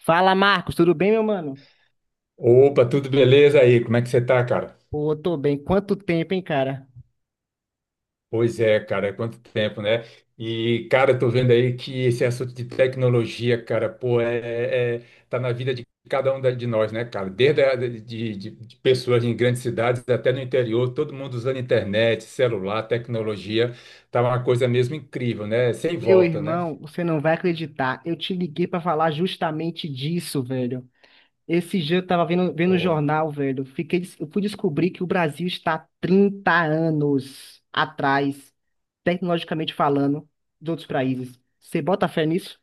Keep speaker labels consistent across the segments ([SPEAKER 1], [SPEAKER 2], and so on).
[SPEAKER 1] Fala, Marcos, tudo bem, meu mano?
[SPEAKER 2] Opa, tudo beleza aí? Como é que você tá, cara?
[SPEAKER 1] Pô, tô bem. Quanto, cara?
[SPEAKER 2] Pois é, cara, é quanto tempo, né? Cara, eu tô vendo aí que esse assunto de tecnologia, cara, pô, tá na vida de cada um de nós, né, cara? Desde de pessoas em grandes cidades até no interior, todo mundo usando internet, celular, tecnologia, tá uma coisa mesmo incrível, né? Sem
[SPEAKER 1] Meu
[SPEAKER 2] volta, né?
[SPEAKER 1] irmão, você não vai acreditar. Eu te liguei pra falar justamente disso, velho. Esse dia eu tava vendo o jornal, velho. Eu fui descobrir que o Brasil está 30 anos atrás, tecnologicamente falando, dos outros países. Você bota fé nisso?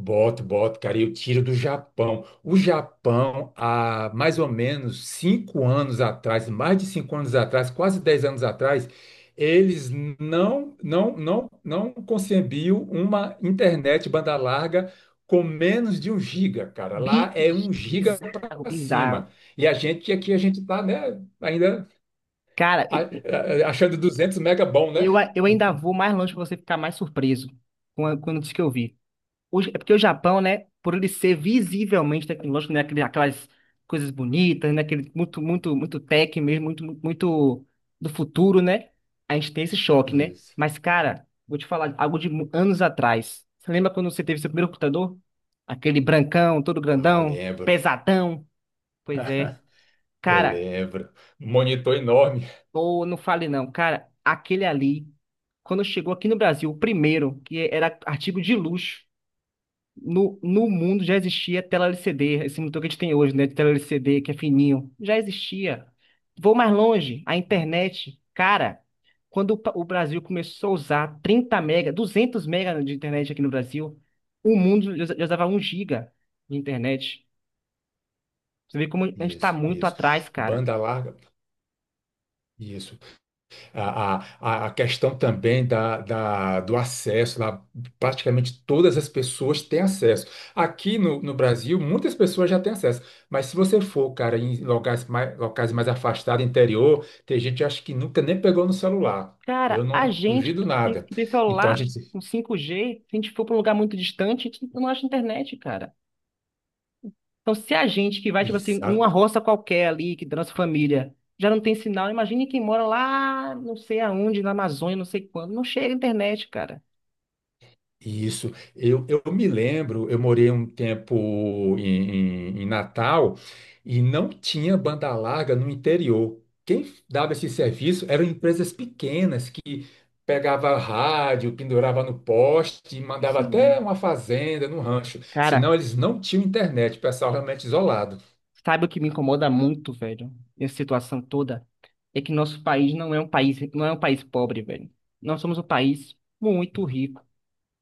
[SPEAKER 2] Boto, boto, cara, e eu tiro do Japão. O Japão, há mais ou menos cinco anos atrás, mais de cinco anos atrás, quase dez anos atrás, eles não concebiam uma internet banda larga com menos de um giga, cara. Lá
[SPEAKER 1] Bi-
[SPEAKER 2] é um giga
[SPEAKER 1] Bizarro,
[SPEAKER 2] para cima.
[SPEAKER 1] bizarro.
[SPEAKER 2] E a gente aqui a gente tá, né? Ainda
[SPEAKER 1] Cara, eu,
[SPEAKER 2] a- achando duzentos mega bom,
[SPEAKER 1] eu
[SPEAKER 2] né?
[SPEAKER 1] eu ainda vou mais longe pra você ficar mais surpreso com quando diz que eu vi. É porque o Japão, né, por ele ser visivelmente tecnológico, né, aquelas coisas bonitas, né, aquele muito, muito, muito tech mesmo, muito, muito, muito do futuro, né, a gente tem esse choque, né?
[SPEAKER 2] Isso.
[SPEAKER 1] Mas, cara, vou te falar algo de anos atrás. Você lembra quando você teve seu primeiro computador? Aquele brancão, todo
[SPEAKER 2] Ah,
[SPEAKER 1] grandão,
[SPEAKER 2] lembro.
[SPEAKER 1] pesadão? Pois é.
[SPEAKER 2] Eu
[SPEAKER 1] Cara,
[SPEAKER 2] lembro. Monitor enorme.
[SPEAKER 1] ou não fale não, cara, aquele ali, quando chegou aqui no Brasil, o primeiro, que era artigo de luxo, no mundo já existia tela LCD, esse monitor que a gente tem hoje, né? De tela LCD, que é fininho. Já existia. Vou mais longe, a internet. Cara, quando o Brasil começou a usar 30 mega, 200 mega de internet aqui no Brasil, o mundo já usava um giga de internet. Você vê como a gente tá
[SPEAKER 2] Isso,
[SPEAKER 1] muito
[SPEAKER 2] isso.
[SPEAKER 1] atrás, cara.
[SPEAKER 2] Banda larga, isso. A, a, a questão também do acesso, lá, praticamente todas as pessoas têm acesso. Aqui no Brasil, muitas pessoas já têm acesso, mas se você for, cara, em locais mais afastados, interior, tem gente que acho que nunca nem pegou no celular. Eu
[SPEAKER 1] Cara, a
[SPEAKER 2] não
[SPEAKER 1] gente
[SPEAKER 2] duvido nada.
[SPEAKER 1] que tem
[SPEAKER 2] Então a
[SPEAKER 1] celular
[SPEAKER 2] gente.
[SPEAKER 1] com 5G, se a gente for para um lugar muito distante, a gente não acha internet, cara. Então, se a gente que vai, tipo assim, numa roça qualquer ali, que da nossa família, já não tem sinal, imagine quem mora lá, não sei aonde, na Amazônia, não sei quando, não chega a internet, cara.
[SPEAKER 2] Isso. Eu me lembro, eu morei um tempo em Natal e não tinha banda larga no interior. Quem dava esse serviço eram empresas pequenas que pegava rádio, pendurava no poste, e mandava até
[SPEAKER 1] Sim.
[SPEAKER 2] uma fazenda, no rancho.
[SPEAKER 1] Cara,
[SPEAKER 2] Senão eles não tinham internet, o pessoal realmente isolado.
[SPEAKER 1] sabe o que me incomoda muito, velho, nessa situação toda? É que nosso país não é um país pobre, velho. Nós somos um país muito rico.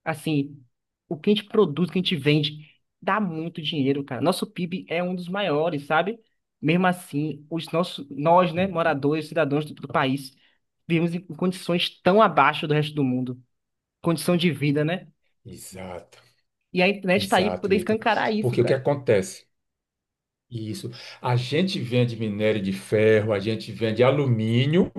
[SPEAKER 1] Assim, o que a gente produz, o que a gente
[SPEAKER 2] Isso.
[SPEAKER 1] vende, dá muito dinheiro, cara. Nosso PIB é um dos maiores, sabe? Mesmo assim, nós, né,
[SPEAKER 2] Uhum.
[SPEAKER 1] moradores, cidadãos do país, vivemos em condições tão abaixo do resto do mundo. Condição de vida, né?
[SPEAKER 2] Exato,
[SPEAKER 1] E a internet tá aí para
[SPEAKER 2] exato,
[SPEAKER 1] poder
[SPEAKER 2] Ícaro.
[SPEAKER 1] escancarar isso,
[SPEAKER 2] Porque o que
[SPEAKER 1] cara.
[SPEAKER 2] acontece? Isso. A gente vende minério de ferro, a gente vende alumínio,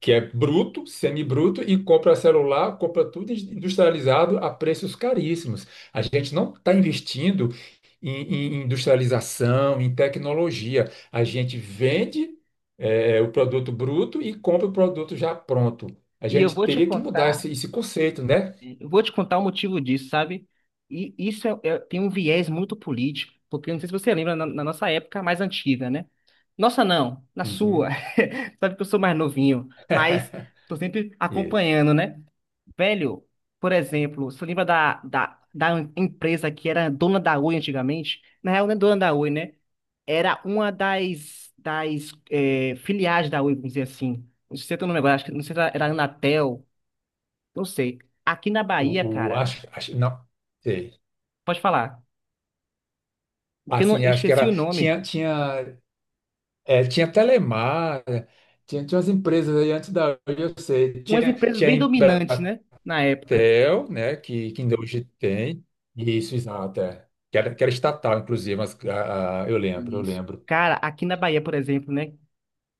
[SPEAKER 2] que é bruto, semibruto, e compra celular, compra tudo industrializado a preços caríssimos. A gente não está investindo em, em industrialização, em tecnologia. A gente vende, o produto bruto e compra o produto já pronto. A
[SPEAKER 1] E eu
[SPEAKER 2] gente
[SPEAKER 1] vou te
[SPEAKER 2] teria que mudar
[SPEAKER 1] contar
[SPEAKER 2] esse conceito, né?
[SPEAKER 1] Eu vou te contar o motivo disso, sabe? E isso tem um viés muito político, porque não sei se você lembra na nossa época mais antiga, né? Nossa, não, na sua.
[SPEAKER 2] Uhum.
[SPEAKER 1] Sabe que eu sou mais novinho, mas tô sempre
[SPEAKER 2] Isso.
[SPEAKER 1] acompanhando, né? Velho, por exemplo, você lembra da empresa que era dona da Oi antigamente? Na real, não é dona da Oi, né? Era uma das filiais da Oi, vamos dizer assim. Não sei se eu tô no negócio, acho que não sei se era a Anatel, não sei. Aqui na Bahia, cara.
[SPEAKER 2] Acho, acho, não. Sei.
[SPEAKER 1] Pode falar. Porque eu não-
[SPEAKER 2] Assim,
[SPEAKER 1] Eu
[SPEAKER 2] acho que
[SPEAKER 1] esqueci
[SPEAKER 2] era.
[SPEAKER 1] o nome.
[SPEAKER 2] Tinha Telemar, tinha umas empresas aí antes da Oi, eu sei.
[SPEAKER 1] Umas empresas
[SPEAKER 2] Tinha a
[SPEAKER 1] bem dominantes,
[SPEAKER 2] Embratel,
[SPEAKER 1] né? Na época.
[SPEAKER 2] né? Que ainda hoje tem. Isso, exato. É. Que era estatal, inclusive, mas eu lembro, eu
[SPEAKER 1] Isso.
[SPEAKER 2] lembro.
[SPEAKER 1] Cara, aqui na Bahia, por exemplo, né?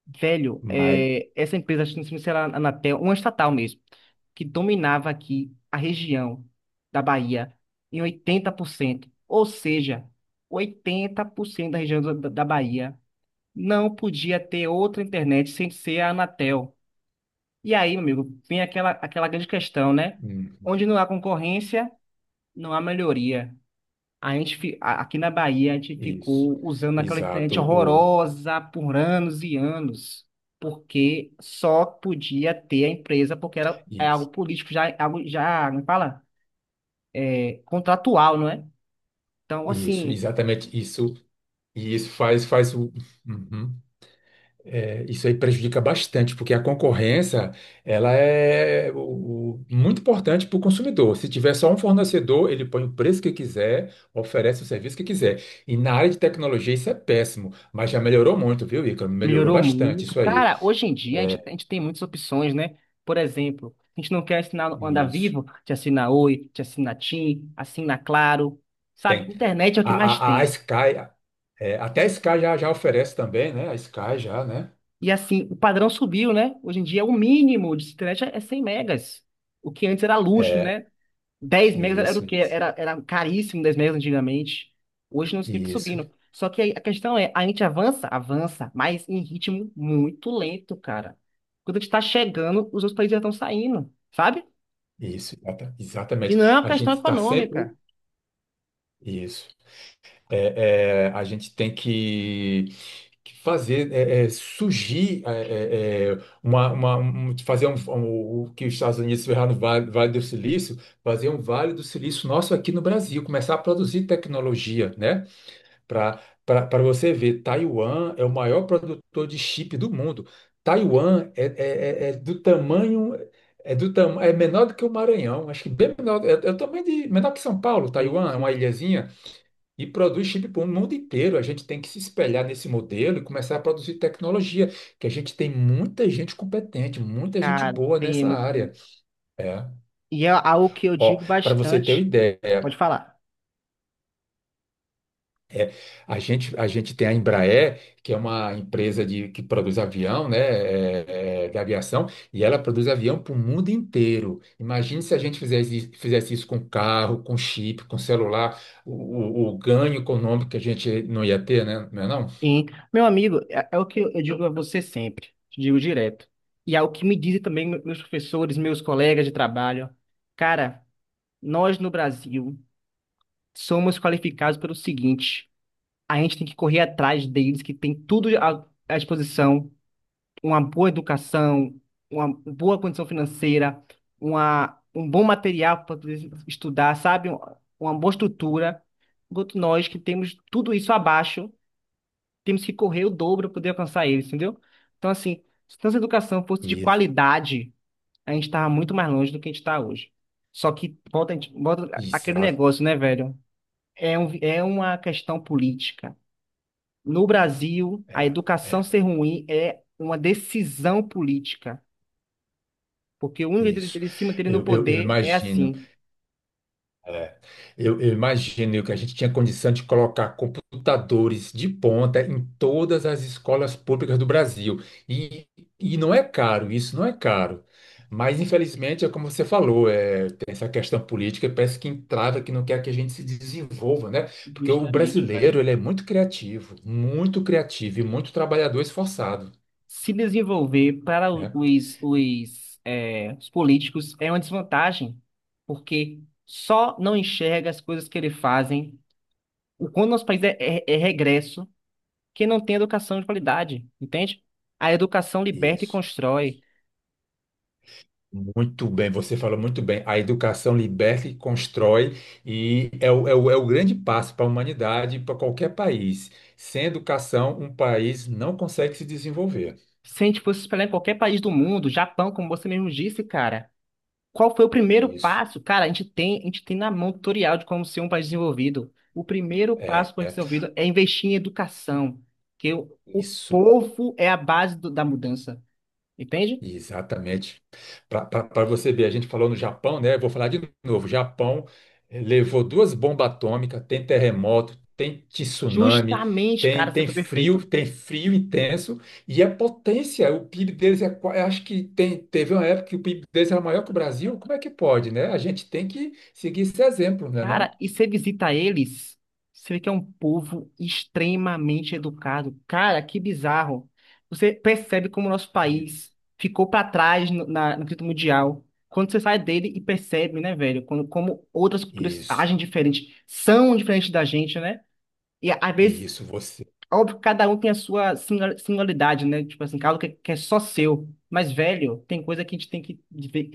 [SPEAKER 1] Velho,
[SPEAKER 2] Mas.
[SPEAKER 1] é, essa empresa, acho que não sei se era a Anatel, uma estatal mesmo, que dominava aqui a região da Bahia em 80%. Ou seja, 80% da região da Bahia não podia ter outra internet sem ser a Anatel. E aí, meu amigo, vem aquela grande questão, né?
[SPEAKER 2] Uhum,
[SPEAKER 1] Onde não há concorrência, não há melhoria. A gente, fi- a- Aqui na Bahia, a gente
[SPEAKER 2] isso.
[SPEAKER 1] ficou usando aquela
[SPEAKER 2] Exato.
[SPEAKER 1] internet
[SPEAKER 2] O,
[SPEAKER 1] horrorosa por anos e anos, porque só podia ter a empresa, porque era, é algo
[SPEAKER 2] isso,
[SPEAKER 1] político, já, é algo, já, não fala? É contratual, não é? Então,
[SPEAKER 2] isso,
[SPEAKER 1] assim,
[SPEAKER 2] exatamente isso. E isso faz, faz o. Uhum. É, isso aí prejudica bastante, porque a concorrência ela é muito importante para o consumidor. Se tiver só um fornecedor, ele põe o preço que quiser, oferece o serviço que quiser. E na área de tecnologia isso é péssimo, mas já melhorou muito, viu, Ícaro? Melhorou
[SPEAKER 1] melhorou
[SPEAKER 2] bastante
[SPEAKER 1] muito.
[SPEAKER 2] isso aí.
[SPEAKER 1] Cara, hoje em dia
[SPEAKER 2] É,
[SPEAKER 1] a gente tem muitas opções, né? Por exemplo, a gente não quer assinar o Anda
[SPEAKER 2] isso.
[SPEAKER 1] Vivo, te assina Oi, te assina TIM, assina Claro, sabe?
[SPEAKER 2] Tem.
[SPEAKER 1] Internet é o que mais
[SPEAKER 2] A, a
[SPEAKER 1] tem.
[SPEAKER 2] Sky, é, até a Sky já oferece também, né? A Sky já, né?
[SPEAKER 1] E assim, o padrão subiu, né? Hoje em dia, o mínimo de internet é 100 megas. O que antes era luxo,
[SPEAKER 2] É,
[SPEAKER 1] né? 10 megas era
[SPEAKER 2] isso,
[SPEAKER 1] o quê?
[SPEAKER 2] isso,
[SPEAKER 1] Era caríssimo 10 megas antigamente. Hoje não fica
[SPEAKER 2] isso,
[SPEAKER 1] subindo. Só que aí a questão é, a gente avança, mas em ritmo muito lento, cara. Quando a gente tá chegando, os outros países já estão saindo, sabe?
[SPEAKER 2] isso,
[SPEAKER 1] E
[SPEAKER 2] exatamente.
[SPEAKER 1] não é uma
[SPEAKER 2] A
[SPEAKER 1] questão
[SPEAKER 2] gente está sempre.
[SPEAKER 1] econômica.
[SPEAKER 2] Isso. É, é, a gente tem que fazer surgir é, fazer o que os Estados Unidos fizeram no Vale, Vale do Silício, fazer um Vale do Silício nosso aqui no Brasil, começar a produzir tecnologia, né? Para Para você ver, Taiwan é o maior produtor de chip do mundo. Taiwan é do tamanho é menor do que o Maranhão, acho que bem menor, é, é o tamanho de menor que São Paulo,
[SPEAKER 1] Sim,
[SPEAKER 2] Taiwan, é uma
[SPEAKER 1] sim.
[SPEAKER 2] ilhazinha. E produz chip para o mundo inteiro. A gente tem que se espelhar nesse modelo e começar a produzir tecnologia, que a gente tem muita gente competente, muita gente
[SPEAKER 1] Cara,
[SPEAKER 2] boa
[SPEAKER 1] tem
[SPEAKER 2] nessa
[SPEAKER 1] muito tempo.
[SPEAKER 2] área. É.
[SPEAKER 1] E é algo que eu
[SPEAKER 2] Ó,
[SPEAKER 1] digo
[SPEAKER 2] para você ter uma
[SPEAKER 1] bastante.
[SPEAKER 2] ideia,
[SPEAKER 1] Pode falar.
[SPEAKER 2] é, a gente tem a Embraer, que é uma empresa de, que produz avião, né, de aviação, e ela produz avião para o mundo inteiro. Imagine se a gente fizesse, fizesse isso com carro, com chip, com celular, o ganho econômico que a gente não ia ter, né? Não é não?
[SPEAKER 1] Sim, meu amigo, é o que eu digo a você sempre, te digo direto. E é o que me dizem também meus professores, meus colegas de trabalho. Cara, nós no Brasil somos qualificados pelo seguinte: a gente tem que correr atrás deles, que tem tudo à disposição, uma boa educação, uma boa condição financeira, um bom material para poder estudar, sabe? Uma boa estrutura. Enquanto nós que temos tudo isso abaixo temos que correr o dobro para poder alcançar eles, entendeu? Então, assim, se nossa educação fosse de
[SPEAKER 2] Isso.
[SPEAKER 1] qualidade, a gente estava muito mais longe do que a gente está hoje. Só que volta, volta
[SPEAKER 2] Isso,
[SPEAKER 1] aquele negócio, né, velho? É uma questão política. No Brasil,
[SPEAKER 2] é,
[SPEAKER 1] a educação
[SPEAKER 2] é,
[SPEAKER 1] ser ruim é uma decisão política. Porque o único jeito
[SPEAKER 2] isso.
[SPEAKER 1] dele se manter no
[SPEAKER 2] Eu
[SPEAKER 1] poder é
[SPEAKER 2] imagino.
[SPEAKER 1] assim.
[SPEAKER 2] É. Eu imagino que a gente tinha condição de colocar computadores de ponta em todas as escolas públicas do Brasil. E, e não é caro, isso não é caro. Mas, infelizmente, é como você falou, é, tem essa questão política, parece que entrava, que não quer que a gente se desenvolva, né? Porque o
[SPEAKER 1] Justamente, velho.
[SPEAKER 2] brasileiro, ele é muito criativo e muito trabalhador esforçado,
[SPEAKER 1] Se desenvolver para
[SPEAKER 2] né?
[SPEAKER 1] os políticos é uma desvantagem, porque só não enxerga as coisas que eles fazem. O quando nosso país é regresso, que não tem educação de qualidade, entende? A educação liberta e
[SPEAKER 2] Isso.
[SPEAKER 1] constrói.
[SPEAKER 2] Muito bem, você falou muito bem. A educação liberta e constrói, e é é o grande passo para a humanidade, e para qualquer país. Sem educação, um país não consegue se desenvolver.
[SPEAKER 1] Se a gente fosse espelhar em qualquer país do mundo, Japão, como você mesmo disse, cara. Qual foi o primeiro
[SPEAKER 2] Isso,
[SPEAKER 1] passo? Cara, a gente tem na mão tutorial de como ser um país desenvolvido. O primeiro passo
[SPEAKER 2] é,
[SPEAKER 1] para o país
[SPEAKER 2] é,
[SPEAKER 1] desenvolvido é investir em educação, que o
[SPEAKER 2] isso.
[SPEAKER 1] povo é a base da mudança, entende?
[SPEAKER 2] Exatamente. Para você ver, a gente falou no Japão, né? Vou falar de novo. Japão levou duas bombas atômicas, tem terremoto, tem tsunami,
[SPEAKER 1] Justamente, cara, você foi perfeito.
[SPEAKER 2] tem frio intenso e é potência. O PIB deles é, qua- acho que tem, teve uma época que o PIB deles era maior que o Brasil. Como é que pode, né? A gente tem que seguir esse exemplo, não é
[SPEAKER 1] Cara,
[SPEAKER 2] não?
[SPEAKER 1] e você visita eles, você vê que é um povo extremamente educado. Cara, que bizarro. Você percebe como o nosso
[SPEAKER 2] Isso.
[SPEAKER 1] país ficou para trás no quesito mundial. Quando você sai dele e percebe, né, velho, quando, como outras culturas
[SPEAKER 2] Isso,
[SPEAKER 1] agem diferente, são diferentes da gente, né? E às vezes,
[SPEAKER 2] isso. Você
[SPEAKER 1] óbvio, cada um tem a sua singularidade, né? Tipo assim, algo que é só seu. Mas, velho, tem coisa que a gente tem que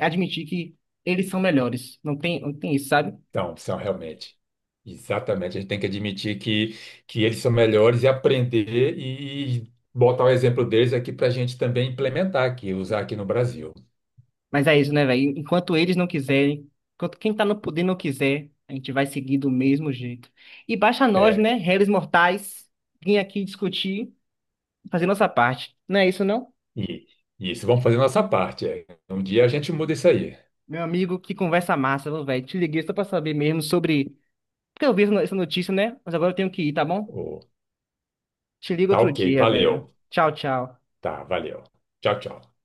[SPEAKER 1] admitir que eles são melhores. Não tem isso, sabe?
[SPEAKER 2] então são realmente. Exatamente. A gente tem que admitir que eles são melhores e aprender e botar o exemplo deles aqui para a gente também implementar aqui, usar aqui no Brasil.
[SPEAKER 1] Mas é isso, né, velho? Enquanto eles não quiserem, enquanto quem tá no poder não quiser, a gente vai seguir do mesmo jeito. E baixa a nós,
[SPEAKER 2] É,
[SPEAKER 1] né, réis mortais, vir aqui discutir, fazer nossa parte. Não é isso, não?
[SPEAKER 2] e, e isso vamos fazer nossa parte. É. Um dia a gente muda isso aí.
[SPEAKER 1] Meu amigo, que conversa massa, viu, velho. Te liguei só pra saber mesmo sobre. Porque eu vi essa no- essa notícia, né? Mas agora eu tenho que ir, tá bom?
[SPEAKER 2] Ô,
[SPEAKER 1] Te ligo
[SPEAKER 2] tá
[SPEAKER 1] outro
[SPEAKER 2] ok,
[SPEAKER 1] dia, velho.
[SPEAKER 2] valeu.
[SPEAKER 1] Tchau, tchau.
[SPEAKER 2] Tá, valeu. Tchau, tchau.